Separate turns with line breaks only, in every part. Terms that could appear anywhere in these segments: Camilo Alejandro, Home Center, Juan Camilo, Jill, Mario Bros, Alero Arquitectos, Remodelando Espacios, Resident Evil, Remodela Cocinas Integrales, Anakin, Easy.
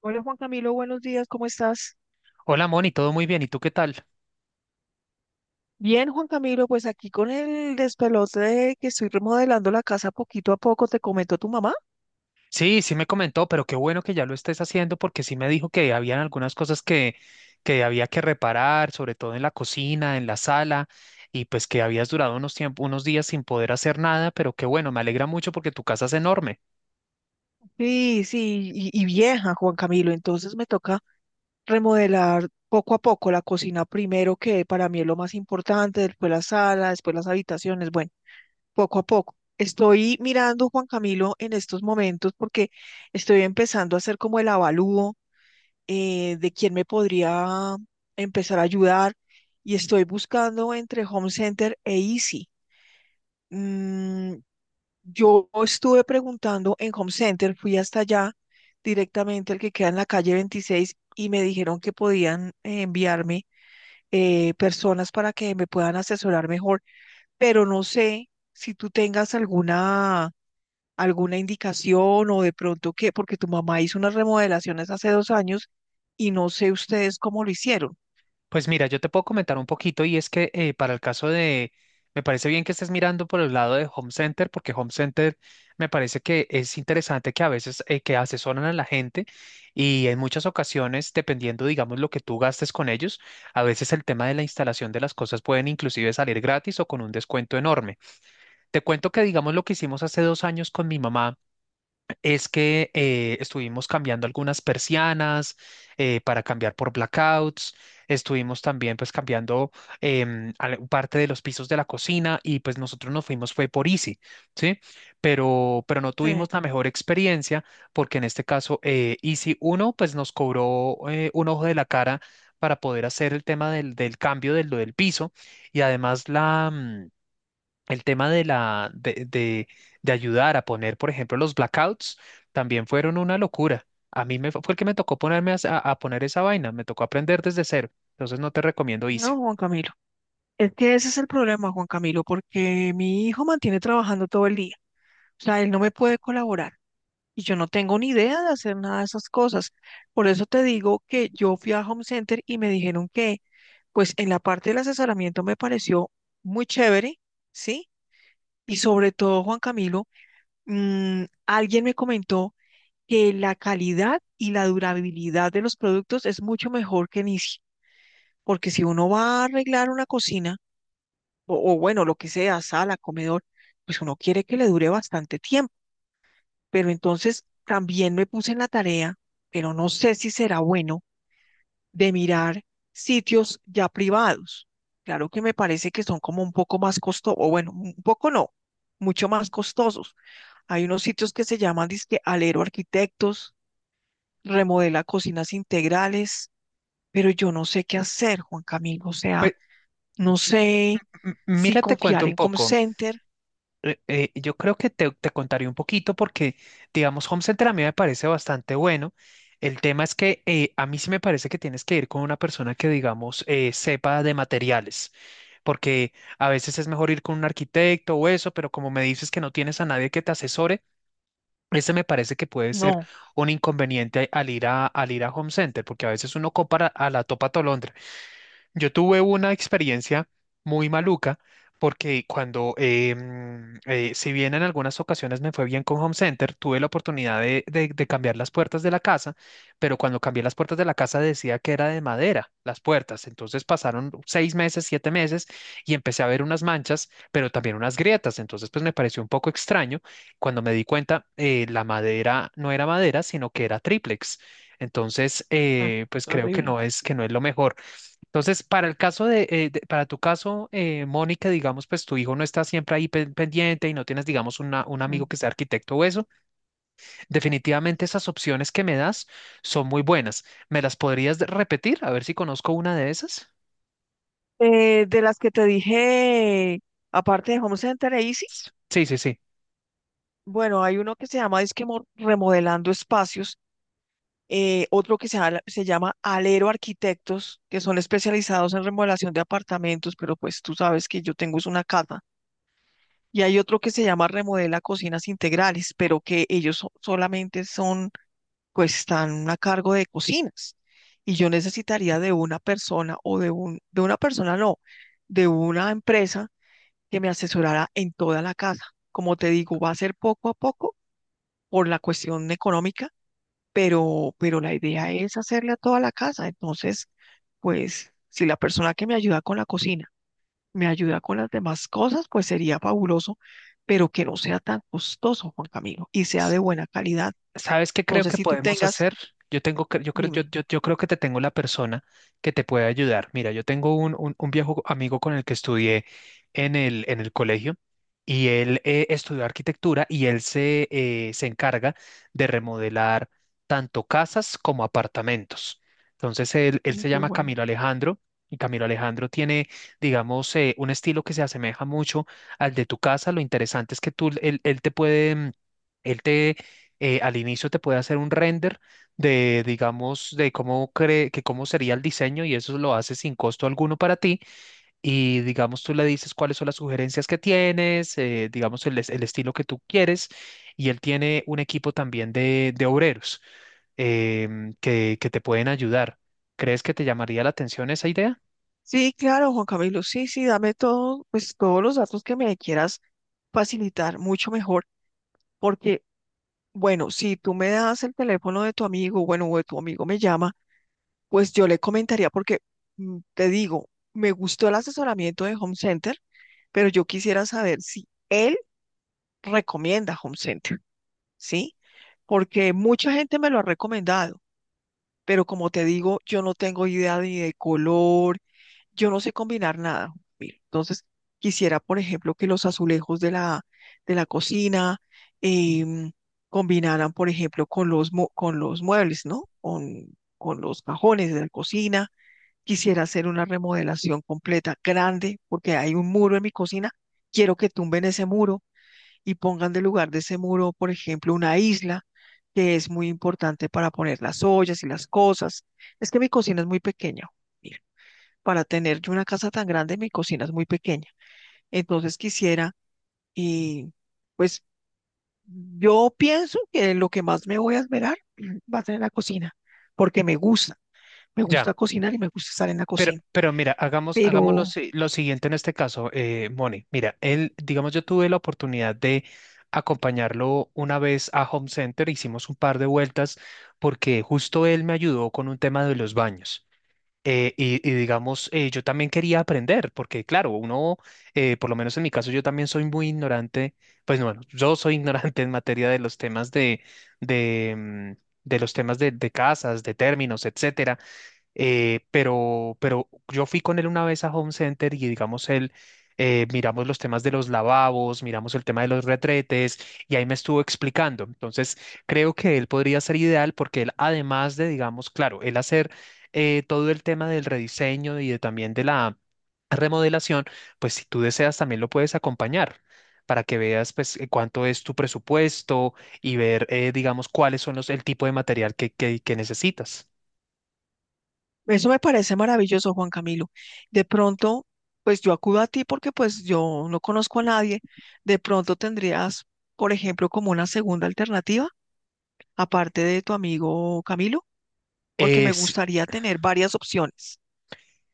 Hola Juan Camilo, buenos días, ¿cómo estás?
Hola Moni, todo muy bien, ¿y tú qué tal?
Bien, Juan Camilo, pues aquí con el despelote de que estoy remodelando la casa poquito a poco, te comentó tu mamá.
Sí, me comentó, pero qué bueno que ya lo estés haciendo porque sí me dijo que habían algunas cosas que había que reparar, sobre todo en la cocina, en la sala, y pues que habías durado unos días sin poder hacer nada, pero qué bueno, me alegra mucho porque tu casa es enorme.
Sí, sí, y vieja, Juan Camilo, entonces me toca remodelar poco a poco la cocina primero, que para mí es lo más importante, después la sala, después las habitaciones, bueno, poco a poco. Estoy mirando, Juan Camilo, en estos momentos porque estoy empezando a hacer como el avalúo de quién me podría empezar a ayudar y estoy buscando entre Home Center e Easy. Mm, yo estuve preguntando en Home Center, fui hasta allá directamente al que queda en la calle 26 y me dijeron que podían enviarme personas para que me puedan asesorar mejor, pero no sé si tú tengas alguna alguna indicación o de pronto qué, porque tu mamá hizo unas remodelaciones hace 2 años y no sé ustedes cómo lo hicieron.
Pues mira, yo te puedo comentar un poquito y es que para el caso me parece bien que estés mirando por el lado de Home Center, porque Home Center me parece que es interesante que a veces que asesoran a la gente y en muchas ocasiones, dependiendo, digamos, lo que tú gastes con ellos, a veces el tema de la instalación de las cosas pueden inclusive salir gratis o con un descuento enorme. Te cuento que, digamos, lo que hicimos hace dos años con mi mamá es que estuvimos cambiando algunas persianas para cambiar por blackouts, estuvimos también pues cambiando parte de los pisos de la cocina y pues nosotros nos fuimos fue por Easy, ¿sí? Pero no
Sí,
tuvimos la mejor experiencia porque en este caso Easy 1 pues nos cobró un ojo de la cara para poder hacer el tema del cambio del piso y además el tema de la de ayudar a poner, por ejemplo, los blackouts también fueron una locura. A mí me fue fue el que me tocó ponerme a poner esa vaina, me tocó aprender desde cero. Entonces no te recomiendo Easy.
no, Juan Camilo. Es que ese es el problema, Juan Camilo, porque mi hijo mantiene trabajando todo el día. O sea, él no me puede colaborar y yo no tengo ni idea de hacer nada de esas cosas. Por eso te digo que yo fui a Home Center y me dijeron que, pues en la parte del asesoramiento me pareció muy chévere, ¿sí? Y sobre todo, Juan Camilo, alguien me comentó que la calidad y la durabilidad de los productos es mucho mejor que en Easy, porque si uno va a arreglar una cocina, o bueno, lo que sea, sala, comedor, pues uno quiere que le dure bastante tiempo. Pero entonces también me puse en la tarea, pero no sé si será bueno, de mirar sitios ya privados. Claro que me parece que son como un poco más costosos, o bueno, un poco no, mucho más costosos. Hay unos sitios que se llaman dizque Alero Arquitectos, remodela cocinas integrales, pero yo no sé qué hacer, Juan Camilo. O sea,
Pues
no sé si
mira, te cuento
confiar
un
en Home
poco.
Center.
Yo creo que te contaré un poquito porque, digamos, Home Center a mí me parece bastante bueno. El tema es que a mí sí me parece que tienes que ir con una persona que, digamos, sepa de materiales, porque a veces es mejor ir con un arquitecto o eso, pero como me dices que no tienes a nadie que te asesore, ese me parece que puede ser
No,
un inconveniente al ir al ir a Home Center, porque a veces uno compra a la topa tolondra. Yo tuve una experiencia muy maluca porque cuando, si bien en algunas ocasiones me fue bien con Home Center, tuve la oportunidad de cambiar las puertas de la casa, pero cuando cambié las puertas de la casa decía que era de madera las puertas. Entonces pasaron seis meses, siete meses y empecé a ver unas manchas, pero también unas grietas. Entonces pues me pareció un poco extraño. Cuando me di cuenta, la madera no era madera, sino que era triplex. Entonces,
mm,
pues creo que
terrible.
no que no es lo mejor. Entonces, para el caso de, para tu caso, Mónica, digamos, pues tu hijo no está siempre ahí pendiente y no tienes, digamos, un amigo
Mm.
que sea arquitecto o eso, definitivamente esas opciones que me das son muy buenas. ¿Me las podrías repetir? A ver si conozco una de esas.
De las que te dije, aparte de Home Center e Easy,
Sí, sí, sí.
bueno, hay uno que se llama Disque Remodelando Espacios, otro que se, se llama Alero Arquitectos, que son especializados en remodelación de apartamentos, pero pues tú sabes que yo tengo es una casa. Y hay otro que se llama Remodela Cocinas Integrales, pero que ellos solamente son, pues están a cargo de cocinas. Y yo necesitaría de una persona o de una persona no, de una empresa que me asesorara en toda la casa. Como te digo, va a ser poco a poco por la cuestión económica, pero la idea es hacerle a toda la casa. Entonces, pues, si la persona que me ayuda con la cocina me ayuda con las demás cosas, pues sería fabuloso, pero que no sea tan costoso, Juan Camilo, y sea de buena calidad.
¿Sabes qué
No
creo
sé
que
si tú
podemos
tengas,
hacer? Yo tengo que, yo creo,
dime.
yo creo que te tengo la persona que te puede ayudar. Mira, yo tengo un viejo amigo con el que estudié en en el colegio y él estudió arquitectura y se encarga de remodelar tanto casas como apartamentos. Entonces, él
Ay,
se
qué
llama
bueno.
Camilo Alejandro y Camilo Alejandro tiene, digamos, un estilo que se asemeja mucho al de tu casa. Lo interesante es que tú, él te puede... Él te, al inicio te puede hacer un render de, digamos, de cómo cree que cómo sería el diseño y eso lo hace sin costo alguno para ti. Y digamos, tú le dices cuáles son las sugerencias que tienes, digamos, el estilo que tú quieres. Y él tiene un equipo también de obreros que te pueden ayudar. ¿Crees que te llamaría la atención esa idea?
Sí, claro, Juan Camilo, sí, sí, dame todo, pues todos los datos que me quieras facilitar, mucho mejor, porque, bueno, si tú me das el teléfono de tu amigo, bueno, o de tu amigo me llama, pues yo le comentaría, porque te digo, me gustó el asesoramiento de Home Center, pero yo quisiera saber si él recomienda Home Center, ¿sí? Porque mucha gente me lo ha recomendado, pero como te digo, yo no tengo idea ni de color, yo no sé combinar nada. Mira, entonces, quisiera, por ejemplo, que los azulejos de la cocina em, combinaran, por ejemplo, con los, con los muebles, ¿no? Con los cajones de la cocina. Quisiera hacer una remodelación completa, grande, porque hay un muro en mi cocina. Quiero que tumben ese muro y pongan de lugar de ese muro, por ejemplo, una isla que es muy importante para poner las ollas y las cosas. Es que mi cocina es muy pequeña. Mira, para tener yo una casa tan grande, mi cocina es muy pequeña. Entonces quisiera, y pues yo pienso que lo que más me voy a esmerar va a ser en la cocina, porque me
Ya.
gusta cocinar y me gusta estar en la
Pero,
cocina,
pero mira, hagamos lo,
pero
si- lo siguiente en este caso, Moni. Mira, él, digamos, yo tuve la oportunidad de acompañarlo una vez a Home Center, hicimos un par de vueltas porque justo él me ayudó con un tema de los baños. Y digamos, yo también quería aprender, porque claro, uno, por lo menos en mi caso, yo también soy muy ignorante, pues bueno, yo soy ignorante en materia de los temas de, mm, de los temas de casas, de términos, etcétera pero yo fui con él una vez a Home Center y digamos miramos los temas de los lavabos, miramos el tema de los retretes y ahí me estuvo explicando. Entonces creo que él podría ser ideal porque él además de, digamos, claro, él hacer todo el tema del rediseño y de, también de la remodelación, pues si tú deseas también lo puedes acompañar. Para que veas pues cuánto es tu presupuesto y ver digamos cuáles son los el tipo de material que necesitas.
eso me parece maravilloso, Juan Camilo. De pronto, pues yo acudo a ti porque pues yo no conozco a nadie. De pronto tendrías, por ejemplo, como una segunda alternativa, aparte de tu amigo Camilo, porque me
Es
gustaría tener varias opciones.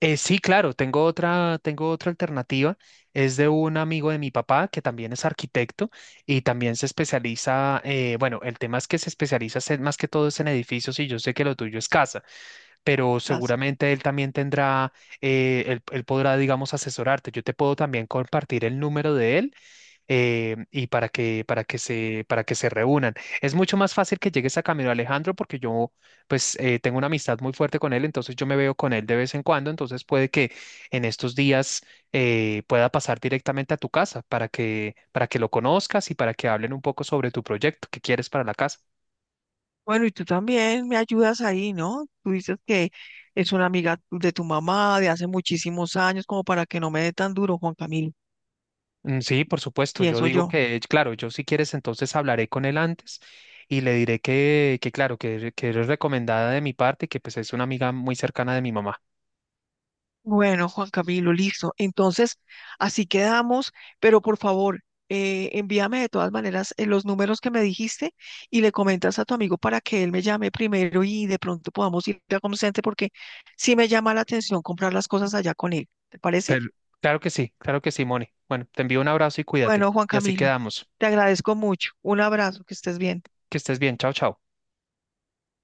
Sí, claro, tengo otra alternativa. Es de un amigo de mi papá que también es arquitecto y también se especializa, bueno, el tema es que se especializa es más que todo es en edificios y yo sé que lo tuyo es casa, pero
Gracias.
seguramente él también tendrá, él podrá, digamos, asesorarte. Yo te puedo también compartir el número de él y para que, para que se reúnan. Es mucho más fácil que llegues a Camilo Alejandro porque yo, pues, tengo una amistad muy fuerte con él, entonces yo me veo con él de vez en cuando, entonces puede que en estos días pueda pasar directamente a tu casa para que lo conozcas y para que hablen un poco sobre tu proyecto que quieres para la casa.
Bueno, y tú también me ayudas ahí, ¿no? Tú dices que es una amiga de tu mamá de hace muchísimos años, como para que no me dé tan duro, Juan Camilo,
Mm, sí, por supuesto. Yo
pienso
digo
yo.
que, claro, yo si quieres, entonces hablaré con él antes y le diré que claro, que eres recomendada de mi parte y que pues es una amiga muy cercana de mi mamá.
Bueno, Juan Camilo, listo. Entonces, así quedamos, pero por favor, envíame de todas maneras los números que me dijiste y le comentas a tu amigo para que él me llame primero y de pronto podamos ir a Home Center porque sí me llama la atención comprar las cosas allá con él. ¿Te parece?
Pero, claro que sí, Moni. Bueno, te envío un abrazo y cuídate.
Bueno, Juan
Y así
Camilo,
quedamos.
te agradezco mucho. Un abrazo, que estés bien.
Que estés bien. Chao, chao.